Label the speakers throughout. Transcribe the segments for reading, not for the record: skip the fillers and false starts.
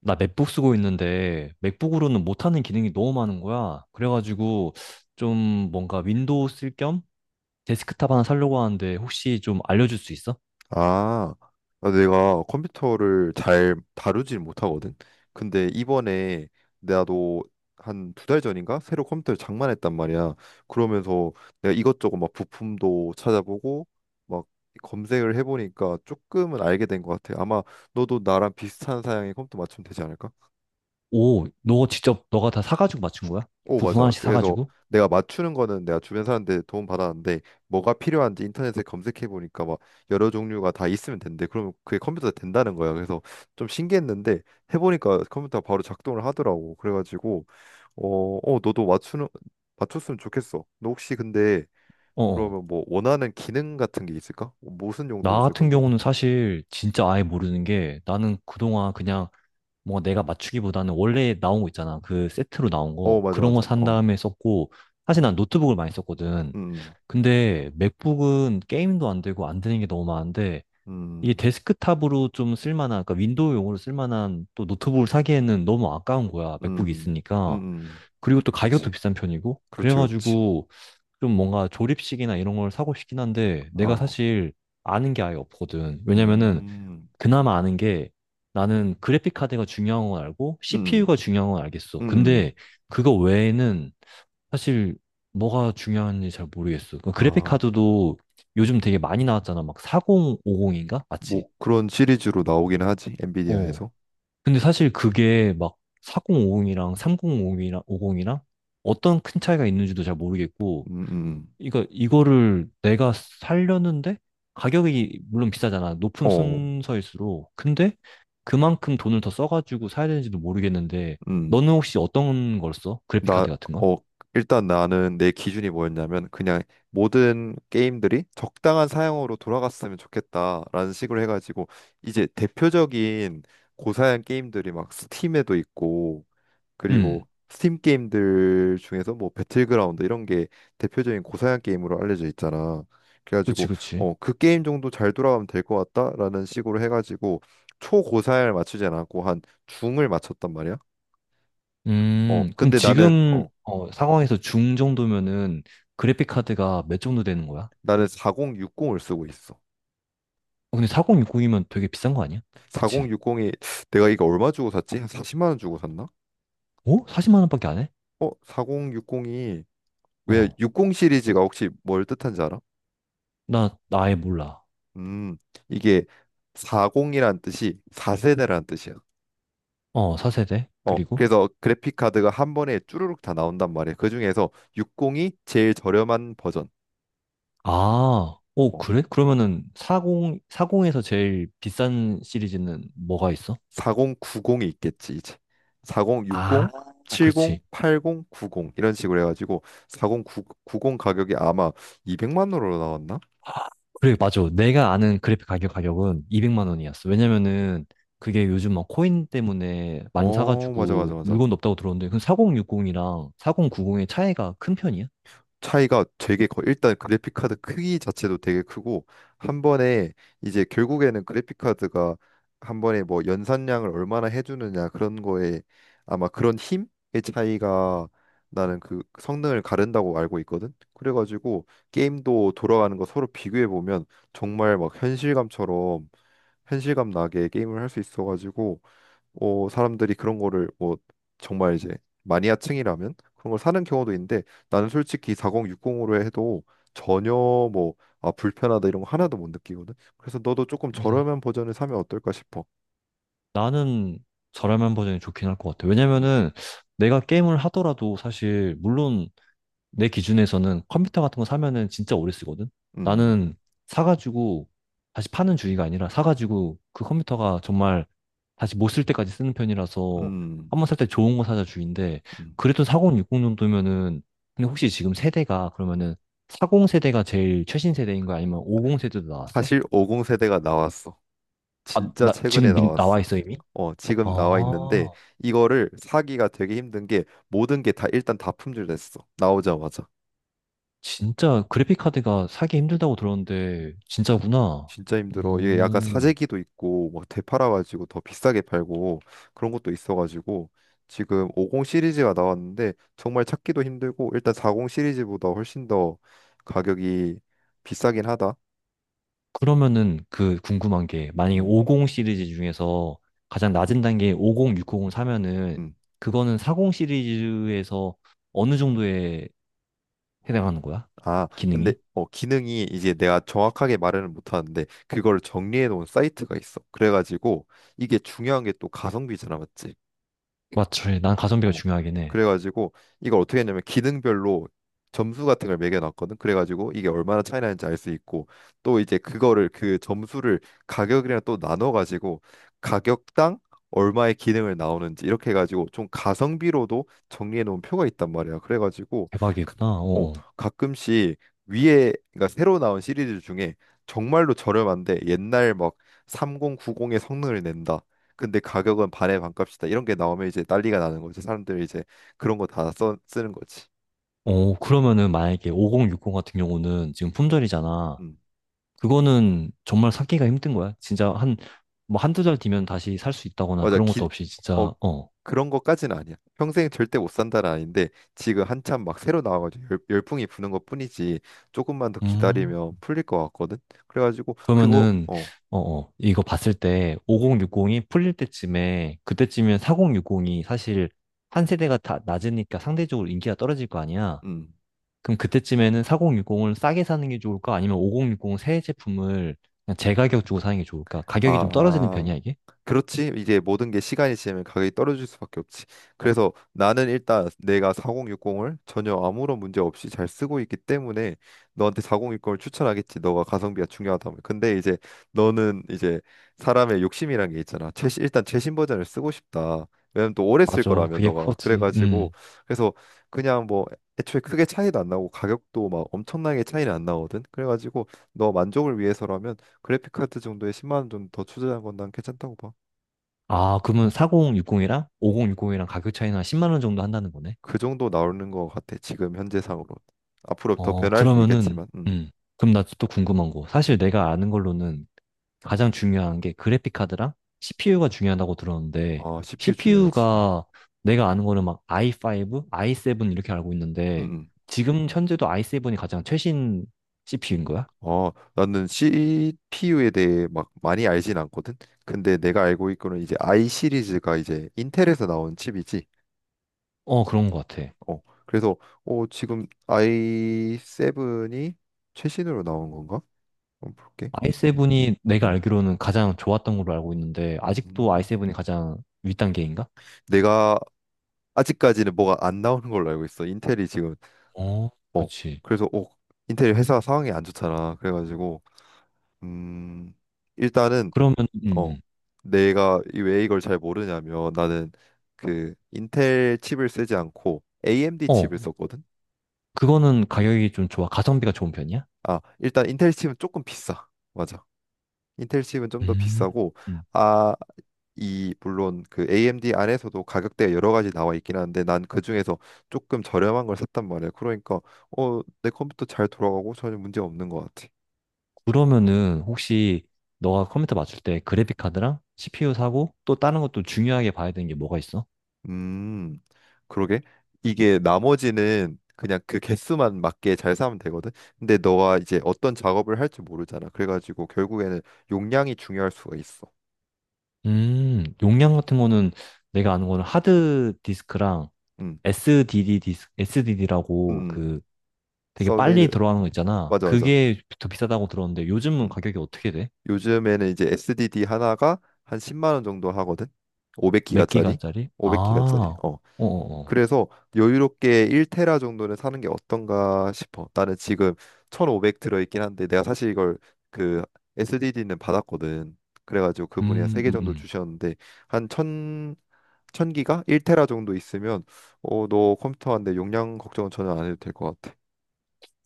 Speaker 1: 나 맥북 쓰고 있는데 맥북으로는 못하는 기능이 너무 많은 거야. 그래가지고 좀 뭔가 윈도우 쓸 겸 데스크탑 하나 사려고 하는데 혹시 좀 알려줄 수 있어?
Speaker 2: 아, 내가 컴퓨터를 잘 다루질 못하거든. 근데 이번에 나도 한 두 달 전인가 새로 컴퓨터를 장만했단 말이야. 그러면서 내가 이것저것 막 부품도 찾아보고 막 검색을 해보니까 조금은 알게 된 것 같아. 아마 너도 나랑 비슷한 사양의 컴퓨터 맞추면 되지 않을까?
Speaker 1: 오, 너 직접 너가 다 사가지고 맞춘 거야?
Speaker 2: 오,
Speaker 1: 부품
Speaker 2: 맞아.
Speaker 1: 하나씩
Speaker 2: 그래서
Speaker 1: 사가지고?
Speaker 2: 내가 맞추는 거는 내가 주변 사람들 도움 받았는데 뭐가 필요한지 인터넷에 검색해 보니까 막 여러 종류가 다 있으면 된대. 그러면 그게 컴퓨터에 된다는 거야. 그래서 좀 신기했는데 해보니까 컴퓨터가 바로 작동을 하더라고. 그래가지고 어, 너도 맞추는 맞췄으면 좋겠어. 너 혹시 근데
Speaker 1: 어. 어.
Speaker 2: 그러면 뭐 원하는 기능 같은 게 있을까? 무슨
Speaker 1: 나
Speaker 2: 용도로 쓸
Speaker 1: 같은
Speaker 2: 건데?
Speaker 1: 경우는 사실 진짜 아예 모르는 게 나는 그동안 그냥 뭐 내가 맞추기보다는 원래 나온 거 있잖아. 그 세트로 나온
Speaker 2: 어,
Speaker 1: 거.
Speaker 2: 맞아,
Speaker 1: 그런 거
Speaker 2: 맞아.
Speaker 1: 산
Speaker 2: 어,
Speaker 1: 다음에 썼고, 사실 난 노트북을 많이 썼거든.
Speaker 2: 음,
Speaker 1: 근데 맥북은 게임도 안 되고 안 되는 게 너무 많은데, 이게
Speaker 2: 음,
Speaker 1: 데스크탑으로 좀 쓸만한, 그러니까 윈도우용으로 쓸만한 또 노트북을 사기에는 너무 아까운 거야. 맥북이
Speaker 2: 음, 음,
Speaker 1: 있으니까.
Speaker 2: 음,
Speaker 1: 그리고 또 가격도
Speaker 2: 그렇지,
Speaker 1: 비싼 편이고.
Speaker 2: 그렇지, 그렇지.
Speaker 1: 그래가지고 좀 뭔가 조립식이나 이런 걸 사고 싶긴 한데, 내가
Speaker 2: 어,
Speaker 1: 사실 아는 게 아예 없거든. 왜냐면은
Speaker 2: 음.
Speaker 1: 그나마 아는 게 나는 그래픽 카드가 중요한 건 알고
Speaker 2: 음,
Speaker 1: CPU가 중요한 건 알겠어. 근데
Speaker 2: 음,
Speaker 1: 그거 외에는 사실 뭐가 중요한지 잘 모르겠어. 그 그래픽
Speaker 2: 아,
Speaker 1: 카드도 요즘 되게 많이 나왔잖아. 막 4050인가? 맞지?
Speaker 2: 뭐 그런 시리즈로 나오긴 하지
Speaker 1: 어.
Speaker 2: 엔비디아에서.
Speaker 1: 근데 사실 그게 막 4050이랑 3050이랑 50이랑 어떤 큰 차이가 있는지도 잘 모르겠고
Speaker 2: 음, 음,
Speaker 1: 이거를 내가 살려는데 가격이 물론 비싸잖아. 높은
Speaker 2: 어,
Speaker 1: 순서일수록. 근데 그만큼 돈을 더 써가지고 사야 되는지도 모르겠는데
Speaker 2: 음,
Speaker 1: 너는 혹시 어떤 걸 써? 그래픽
Speaker 2: 나,
Speaker 1: 카드 같은 건?
Speaker 2: 어, 일단 나는 내 기준이 뭐였냐면 그냥 모든 게임들이 적당한 사양으로 돌아갔으면 좋겠다라는 식으로 해가지고 이제 대표적인 고사양 게임들이 막 스팀에도 있고
Speaker 1: 음,
Speaker 2: 그리고 스팀 게임들 중에서 뭐 배틀그라운드 이런 게 대표적인 고사양 게임으로 알려져 있잖아.
Speaker 1: 그치,
Speaker 2: 그래가지고
Speaker 1: 그치.
Speaker 2: 어, 그 게임 정도 잘 돌아가면 될 것 같다라는 식으로 해가지고 초고사양을 맞추지 않았고 한 중을 맞췄단 말이야.
Speaker 1: 그럼
Speaker 2: 근데
Speaker 1: 지금 상황에서 중 정도면은 그래픽 카드가 몇 정도 되는 거야?
Speaker 2: 나는 4060을 쓰고 있어.
Speaker 1: 어, 근데 4060이면 되게 비싼 거 아니야? 그치?
Speaker 2: 4060이, 내가 이거 얼마 주고 샀지? 한 40만 원 주고 샀나?
Speaker 1: 어? 40만 원밖에 안 해?
Speaker 2: 어, 4060이 왜
Speaker 1: 어,
Speaker 2: 60 시리즈가 혹시 뭘 뜻한지 알아?
Speaker 1: 나 아예 몰라.
Speaker 2: 음, 이게 40이란 뜻이 4세대란 뜻이야.
Speaker 1: 어, 4세대?
Speaker 2: 어,
Speaker 1: 그리고?
Speaker 2: 그래서 그래픽 카드가 한 번에 쭈루룩 다 나온단 말이야. 그 중에서 60이 제일 저렴한 버전.
Speaker 1: 아, 오,
Speaker 2: 어,
Speaker 1: 그래? 그러면은 40, 사공에서 제일 비싼 시리즈는 뭐가 있어?
Speaker 2: 4090이 있겠지, 이제. 40,
Speaker 1: 아,
Speaker 2: 60, 70,
Speaker 1: 그렇지.
Speaker 2: 80, 90 이런 식으로 해가지고 4090 가격이 아마 200만 원으로 나왔나?
Speaker 1: 그래, 맞아. 내가 아는 그래픽 가격은 200만 원이었어. 왜냐면은 그게 요즘 막 코인 때문에 많이
Speaker 2: 어, 맞아, 맞아,
Speaker 1: 사가지고
Speaker 2: 맞아.
Speaker 1: 물건도 없다고 들었는데, 그럼 4060이랑 4090의 차이가 큰 편이야?
Speaker 2: 차이가 되게 커. 일단 그래픽 카드 크기 자체도 되게 크고 한 번에 이제 결국에는 그래픽 카드가 한 번에 뭐 연산량을 얼마나 해주느냐 그런 거에 아마 그런 힘의 차이가 나는 그 성능을 가른다고 알고 있거든. 그래가지고 게임도 돌아가는 거 서로 비교해 보면 정말 막 현실감처럼 현실감 나게 게임을 할 수 있어가지고 어, 사람들이 그런 거를 뭐 정말 이제 마니아층이라면 그런 걸 사는 경우도 있는데, 나는 솔직히 4060으로 해도 전혀 뭐, 아, 불편하다 이런 거 하나도 못 느끼거든. 그래서 너도 조금
Speaker 1: 음,
Speaker 2: 저렴한 버전을 사면 어떨까 싶어.
Speaker 1: 나는 저렴한 버전이 좋긴 할 것 같아.
Speaker 2: 음,
Speaker 1: 왜냐면은 내가 게임을 하더라도 사실, 물론 내 기준에서는 컴퓨터 같은 거 사면은 진짜 오래 쓰거든?
Speaker 2: 음,
Speaker 1: 나는 사가지고 다시 파는 주의가 아니라 사가지고 그 컴퓨터가 정말 다시 못 쓸 때까지 쓰는 편이라서
Speaker 2: 음, 음.
Speaker 1: 한번 살 때 좋은 거 사자 주의인데
Speaker 2: 음.
Speaker 1: 그래도 4060 정도면은 근데 혹시 지금 세대가 그러면은 40 세대가 제일 최신 세대인 거야? 아니면 50 세대도 나왔어?
Speaker 2: 사실 50 세대가 나왔어.
Speaker 1: 아,
Speaker 2: 진짜
Speaker 1: 나
Speaker 2: 최근에
Speaker 1: 지금 나와
Speaker 2: 나왔어.
Speaker 1: 있어 이미?
Speaker 2: 어, 지금 나와 있는데
Speaker 1: 아,
Speaker 2: 이거를 사기가 되게 힘든 게 모든 게 다, 일단 다 품절됐어. 나오자마자.
Speaker 1: 진짜 그래픽 카드가 사기 힘들다고 들었는데 진짜구나.
Speaker 2: 진짜 힘들어. 이게 약간
Speaker 1: 음.
Speaker 2: 사재기도 있고 막 되팔아가지고 더 비싸게 팔고 그런 것도 있어가지고 지금 50 시리즈가 나왔는데 정말 찾기도 힘들고 일단 40 시리즈보다 훨씬 더 가격이 비싸긴 하다.
Speaker 1: 그러면은 그 궁금한 게 만약에
Speaker 2: 음,
Speaker 1: 50 시리즈 중에서 가장 낮은 단계 50, 60을 사면은
Speaker 2: 음.
Speaker 1: 그거는 40 시리즈에서 어느 정도에 해당하는 거야?
Speaker 2: 아, 근데
Speaker 1: 기능이?
Speaker 2: 어 기능이 이제 내가 정확하게 말은 못하는데 그걸 정리해 놓은 사이트가 있어. 그래가지고 이게 중요한 게 또 가성비잖아, 맞지?
Speaker 1: 맞지. 난 가성비가
Speaker 2: 어.
Speaker 1: 중요하긴 해.
Speaker 2: 그래가지고 이걸 어떻게 했냐면 기능별로 점수 같은 걸 매겨놨거든. 그래가지고 이게 얼마나 차이 나는지 알 수 있고 또 이제 그거를, 그 점수를 가격이랑 또 나눠가지고 가격당 얼마의 기능을 나오는지 이렇게 해가지고 좀 가성비로도 정리해 놓은 표가 있단 말이야. 그래가지고 가-
Speaker 1: 대박이구나.
Speaker 2: 어,
Speaker 1: 어.
Speaker 2: 가끔씩 위에, 그러니까 새로 나온 시리즈 중에 정말로 저렴한데 옛날 막 3090의 성능을 낸다. 근데 가격은 반의 반값이다. 이런 게 나오면 이제 난리가 나는 거지. 사람들이 이제 그런 거 다 써 쓰는 거지.
Speaker 1: 어, 어, 그러면은 만약에 50, 60 같은 경우는 지금 품절이잖아.
Speaker 2: 음.
Speaker 1: 그거는 정말 찾기가 힘든 거야. 진짜 한, 뭐 한두 달 뒤면 다시 살 수 있다거나
Speaker 2: 맞아.
Speaker 1: 그런
Speaker 2: 기,
Speaker 1: 것도 없이
Speaker 2: 어
Speaker 1: 진짜, 어.
Speaker 2: 그런 거까지는 아니야. 평생 절대 못 산다는 아닌데 지금 한참 막 새로 나와가지고 열풍이 부는 것뿐이지. 조금만 더
Speaker 1: 음.
Speaker 2: 기다리면 풀릴 것 같거든. 그래가지고 그거,
Speaker 1: 그러면은,
Speaker 2: 어.
Speaker 1: 이거 봤을 때 5060이 풀릴 때쯤에, 그때쯤이면 4060이 사실 한 세대가 다 낮으니까 상대적으로 인기가 떨어질 거 아니야?
Speaker 2: 음.
Speaker 1: 그럼 그때쯤에는 4060을 싸게 사는 게 좋을까? 아니면 5060 새 제품을 그냥 제가격 주고 사는 게 좋을까? 가격이 좀 떨어지는
Speaker 2: 아,
Speaker 1: 편이야, 이게?
Speaker 2: 그렇지. 이제 모든 게 시간이 지나면 가격이 떨어질 수밖에 없지. 그래서 나는 일단 내가 4060을 전혀 아무런 문제 없이 잘 쓰고 있기 때문에 너한테 4060을 추천하겠지. 너가 가성비가 중요하다면. 근데 이제 너는 이제 사람의 욕심이란 게 있잖아. 최신, 일단 최신 버전을 쓰고 싶다. 왜냐면 또 오래 쓸
Speaker 1: 맞아,
Speaker 2: 거라며,
Speaker 1: 그게
Speaker 2: 너가.
Speaker 1: 커지.
Speaker 2: 그래가지고
Speaker 1: 음.
Speaker 2: 그래서 그냥 뭐 애초에 크게 차이도 안 나고 가격도 막 엄청나게 차이는 안 나거든. 그래가지고 너 만족을 위해서라면 그래픽 카드 정도에 10만 원 정도 더 투자한 건 난 괜찮다고 봐.
Speaker 1: 아, 그러면 4060이랑 5060이랑 가격 차이는 한 10만 원 정도 한다는 거네?
Speaker 2: 그 정도 나오는 것 같아. 지금 현재상으로. 앞으로 더 변할 수
Speaker 1: 그러면은,
Speaker 2: 있겠지만. 음.
Speaker 1: 음. 그럼 나 또 궁금한 거. 사실
Speaker 2: 음.
Speaker 1: 내가 아는 걸로는 가장 중요한 게 그래픽 카드랑 CPU가 중요하다고 들었는데,
Speaker 2: 아, CPU 중요하지.
Speaker 1: CPU가 내가 아는 거는 막 i5, i7 이렇게 알고
Speaker 2: 음.
Speaker 1: 있는데,
Speaker 2: 음.
Speaker 1: 지금 현재도 i7이 가장 최신 CPU인 거야?
Speaker 2: 어, 나는 CPU에 대해 막 많이 알진 않거든. 근데 내가 알고 있고는 이제 i 시리즈가 이제 인텔에서 나온 칩이지.
Speaker 1: 어, 그런 것 같아.
Speaker 2: 어. 그래서 어, 지금 i7이 최신으로 나온 건가? 한번 볼게.
Speaker 1: i7이 내가
Speaker 2: 음.
Speaker 1: 알기로는 가장 좋았던 걸로 알고 있는데, 아직도
Speaker 2: 음.
Speaker 1: i7이 가장 윗단계인가?
Speaker 2: 내가 아직까지는 뭐가 안 나오는 걸로 알고 있어. 인텔이 지금
Speaker 1: 어,
Speaker 2: 어,
Speaker 1: 그치.
Speaker 2: 그래서 어, 인텔 회사 상황이 안 좋잖아. 그래가지고 음, 일단은
Speaker 1: 그러면, 음,
Speaker 2: 어,
Speaker 1: 음.
Speaker 2: 내가 왜 이걸 잘 모르냐면 나는 그 인텔 칩을 쓰지 않고 AMD
Speaker 1: 어,
Speaker 2: 칩을 썼거든.
Speaker 1: 그거는 가격이 좀 좋아. 가성비가 좋은 편이야?
Speaker 2: 아, 일단 인텔 칩은 조금 비싸. 맞아. 인텔 칩은 좀 더
Speaker 1: 음.
Speaker 2: 비싸고
Speaker 1: 음.
Speaker 2: 아, 이 물론 그 AMD 안에서도 가격대가 여러 가지 나와 있긴 한데 난 그 중에서 조금 저렴한 걸 샀단 말이야. 그러니까 어, 내 컴퓨터 잘 돌아가고 전혀 문제 없는 것 같아.
Speaker 1: 그러면은 혹시 너가 컴퓨터 맞출 때 그래픽 카드랑 CPU 사고 또 다른 것도 중요하게 봐야 되는 게 뭐가 있어?
Speaker 2: 음, 그러게. 이게 나머지는 그냥 그 개수만 맞게 잘 사면 되거든. 근데 너가 이제 어떤 작업을 할지 모르잖아. 그래가지고 결국에는 용량이 중요할 수가 있어.
Speaker 1: 용량 같은 거는 내가 아는 거는 하드 디스크랑
Speaker 2: 음,
Speaker 1: SDD SD 라고
Speaker 2: 음,
Speaker 1: 그 되게 빨리
Speaker 2: 솔리드.
Speaker 1: 들어가는 거 있잖아.
Speaker 2: 맞아, 맞아.
Speaker 1: 그게 더 비싸다고 들었는데 요즘은
Speaker 2: 음.
Speaker 1: 가격이 어떻게 돼?
Speaker 2: 요즘에는 이제 SDD 하나가 한 10만 원 정도 하거든.
Speaker 1: 몇
Speaker 2: 500기가짜리.
Speaker 1: 기가짜리?
Speaker 2: 500기가짜리.
Speaker 1: 아, 어어어.
Speaker 2: 그래서 여유롭게 1테라 정도는 사는 게 어떤가 싶어. 나는 지금 1500 들어있긴 한데 내가 사실 이걸, 그 SDD는 받았거든. 그래가지고 그분이 한
Speaker 1: 음, 음,
Speaker 2: 3개 정도
Speaker 1: 음.
Speaker 2: 주셨는데 한 1000, 기가 1테라 정도 있으면 어, 너 컴퓨터한데 용량 걱정은 전혀 안 해도 될 것 같아.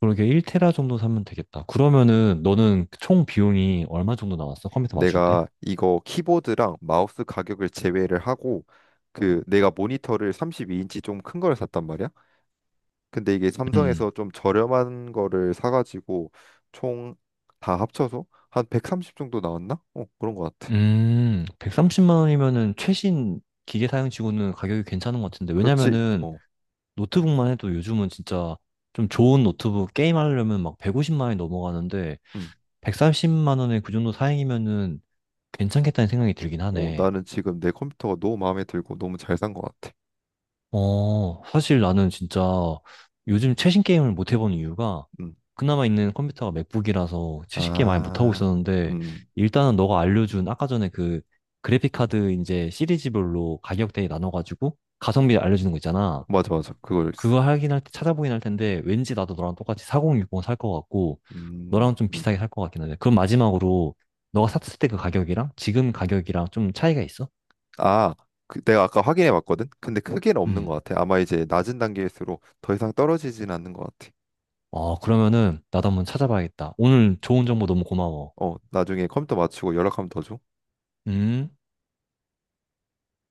Speaker 1: 그러게 1테라 정도 사면 되겠다. 그러면은 너는 총 비용이 얼마 정도 나왔어? 컴퓨터 맞출 때?
Speaker 2: 내가 이거 키보드랑 마우스 가격을 제외를 하고 그 내가 모니터를 32인치 좀 큰 걸 샀단 말이야. 근데 이게
Speaker 1: 음,
Speaker 2: 삼성에서 좀 저렴한 거를 사가지고 총 다 합쳐서 한 130 정도 나왔나? 어, 그런 것 같아.
Speaker 1: 130만 원이면은 최신 기계 사양치고는 가격이 괜찮은 것 같은데,
Speaker 2: 그렇지.
Speaker 1: 왜냐면은
Speaker 2: 어,
Speaker 1: 노트북만 해도 요즘은 진짜 좀 좋은 노트북 게임하려면 막 150만 원이 넘어가는데,
Speaker 2: 음.
Speaker 1: 130만 원에 그 정도 사양이면은 괜찮겠다는 생각이 들긴
Speaker 2: 어,
Speaker 1: 하네.
Speaker 2: 나는 지금 내 컴퓨터가 너무 마음에 들고 너무 잘 산 것 같아.
Speaker 1: 어, 사실 나는 진짜 요즘 최신 게임을 못 해본 이유가
Speaker 2: 음.
Speaker 1: 그나마 있는 컴퓨터가 맥북이라서 최신 게임 많이 못하고
Speaker 2: 아,
Speaker 1: 있었는데
Speaker 2: 음,
Speaker 1: 일단은 너가 알려준 아까 전에 그 그래픽카드 이제 시리즈별로 가격대에 나눠가지고 가성비 알려주는 거 있잖아.
Speaker 2: 맞아, 맞아. 그거 있어.
Speaker 1: 그거 하긴 할 때 찾아보긴 할 텐데 왠지 나도 너랑 똑같이 4060 살 것 같고 너랑
Speaker 2: 음,
Speaker 1: 좀
Speaker 2: 음.
Speaker 1: 비슷하게 살 것 같긴 한데 그럼 마지막으로 너가 샀을 때 그 가격이랑 지금 가격이랑 좀 차이가 있어?
Speaker 2: 아, 그 내가 아까 확인해 봤거든. 근데 크게는 없는
Speaker 1: 음.
Speaker 2: 것 같아. 아마 이제 낮은 단계일수록 더 이상 떨어지진 않는 것 같아.
Speaker 1: 어, 그러면은 나도 한번 찾아봐야겠다. 오늘 좋은 정보 너무 고마워.
Speaker 2: 어, 나중에 컴퓨터 맞추고 연락하면 더 줘.
Speaker 1: 음.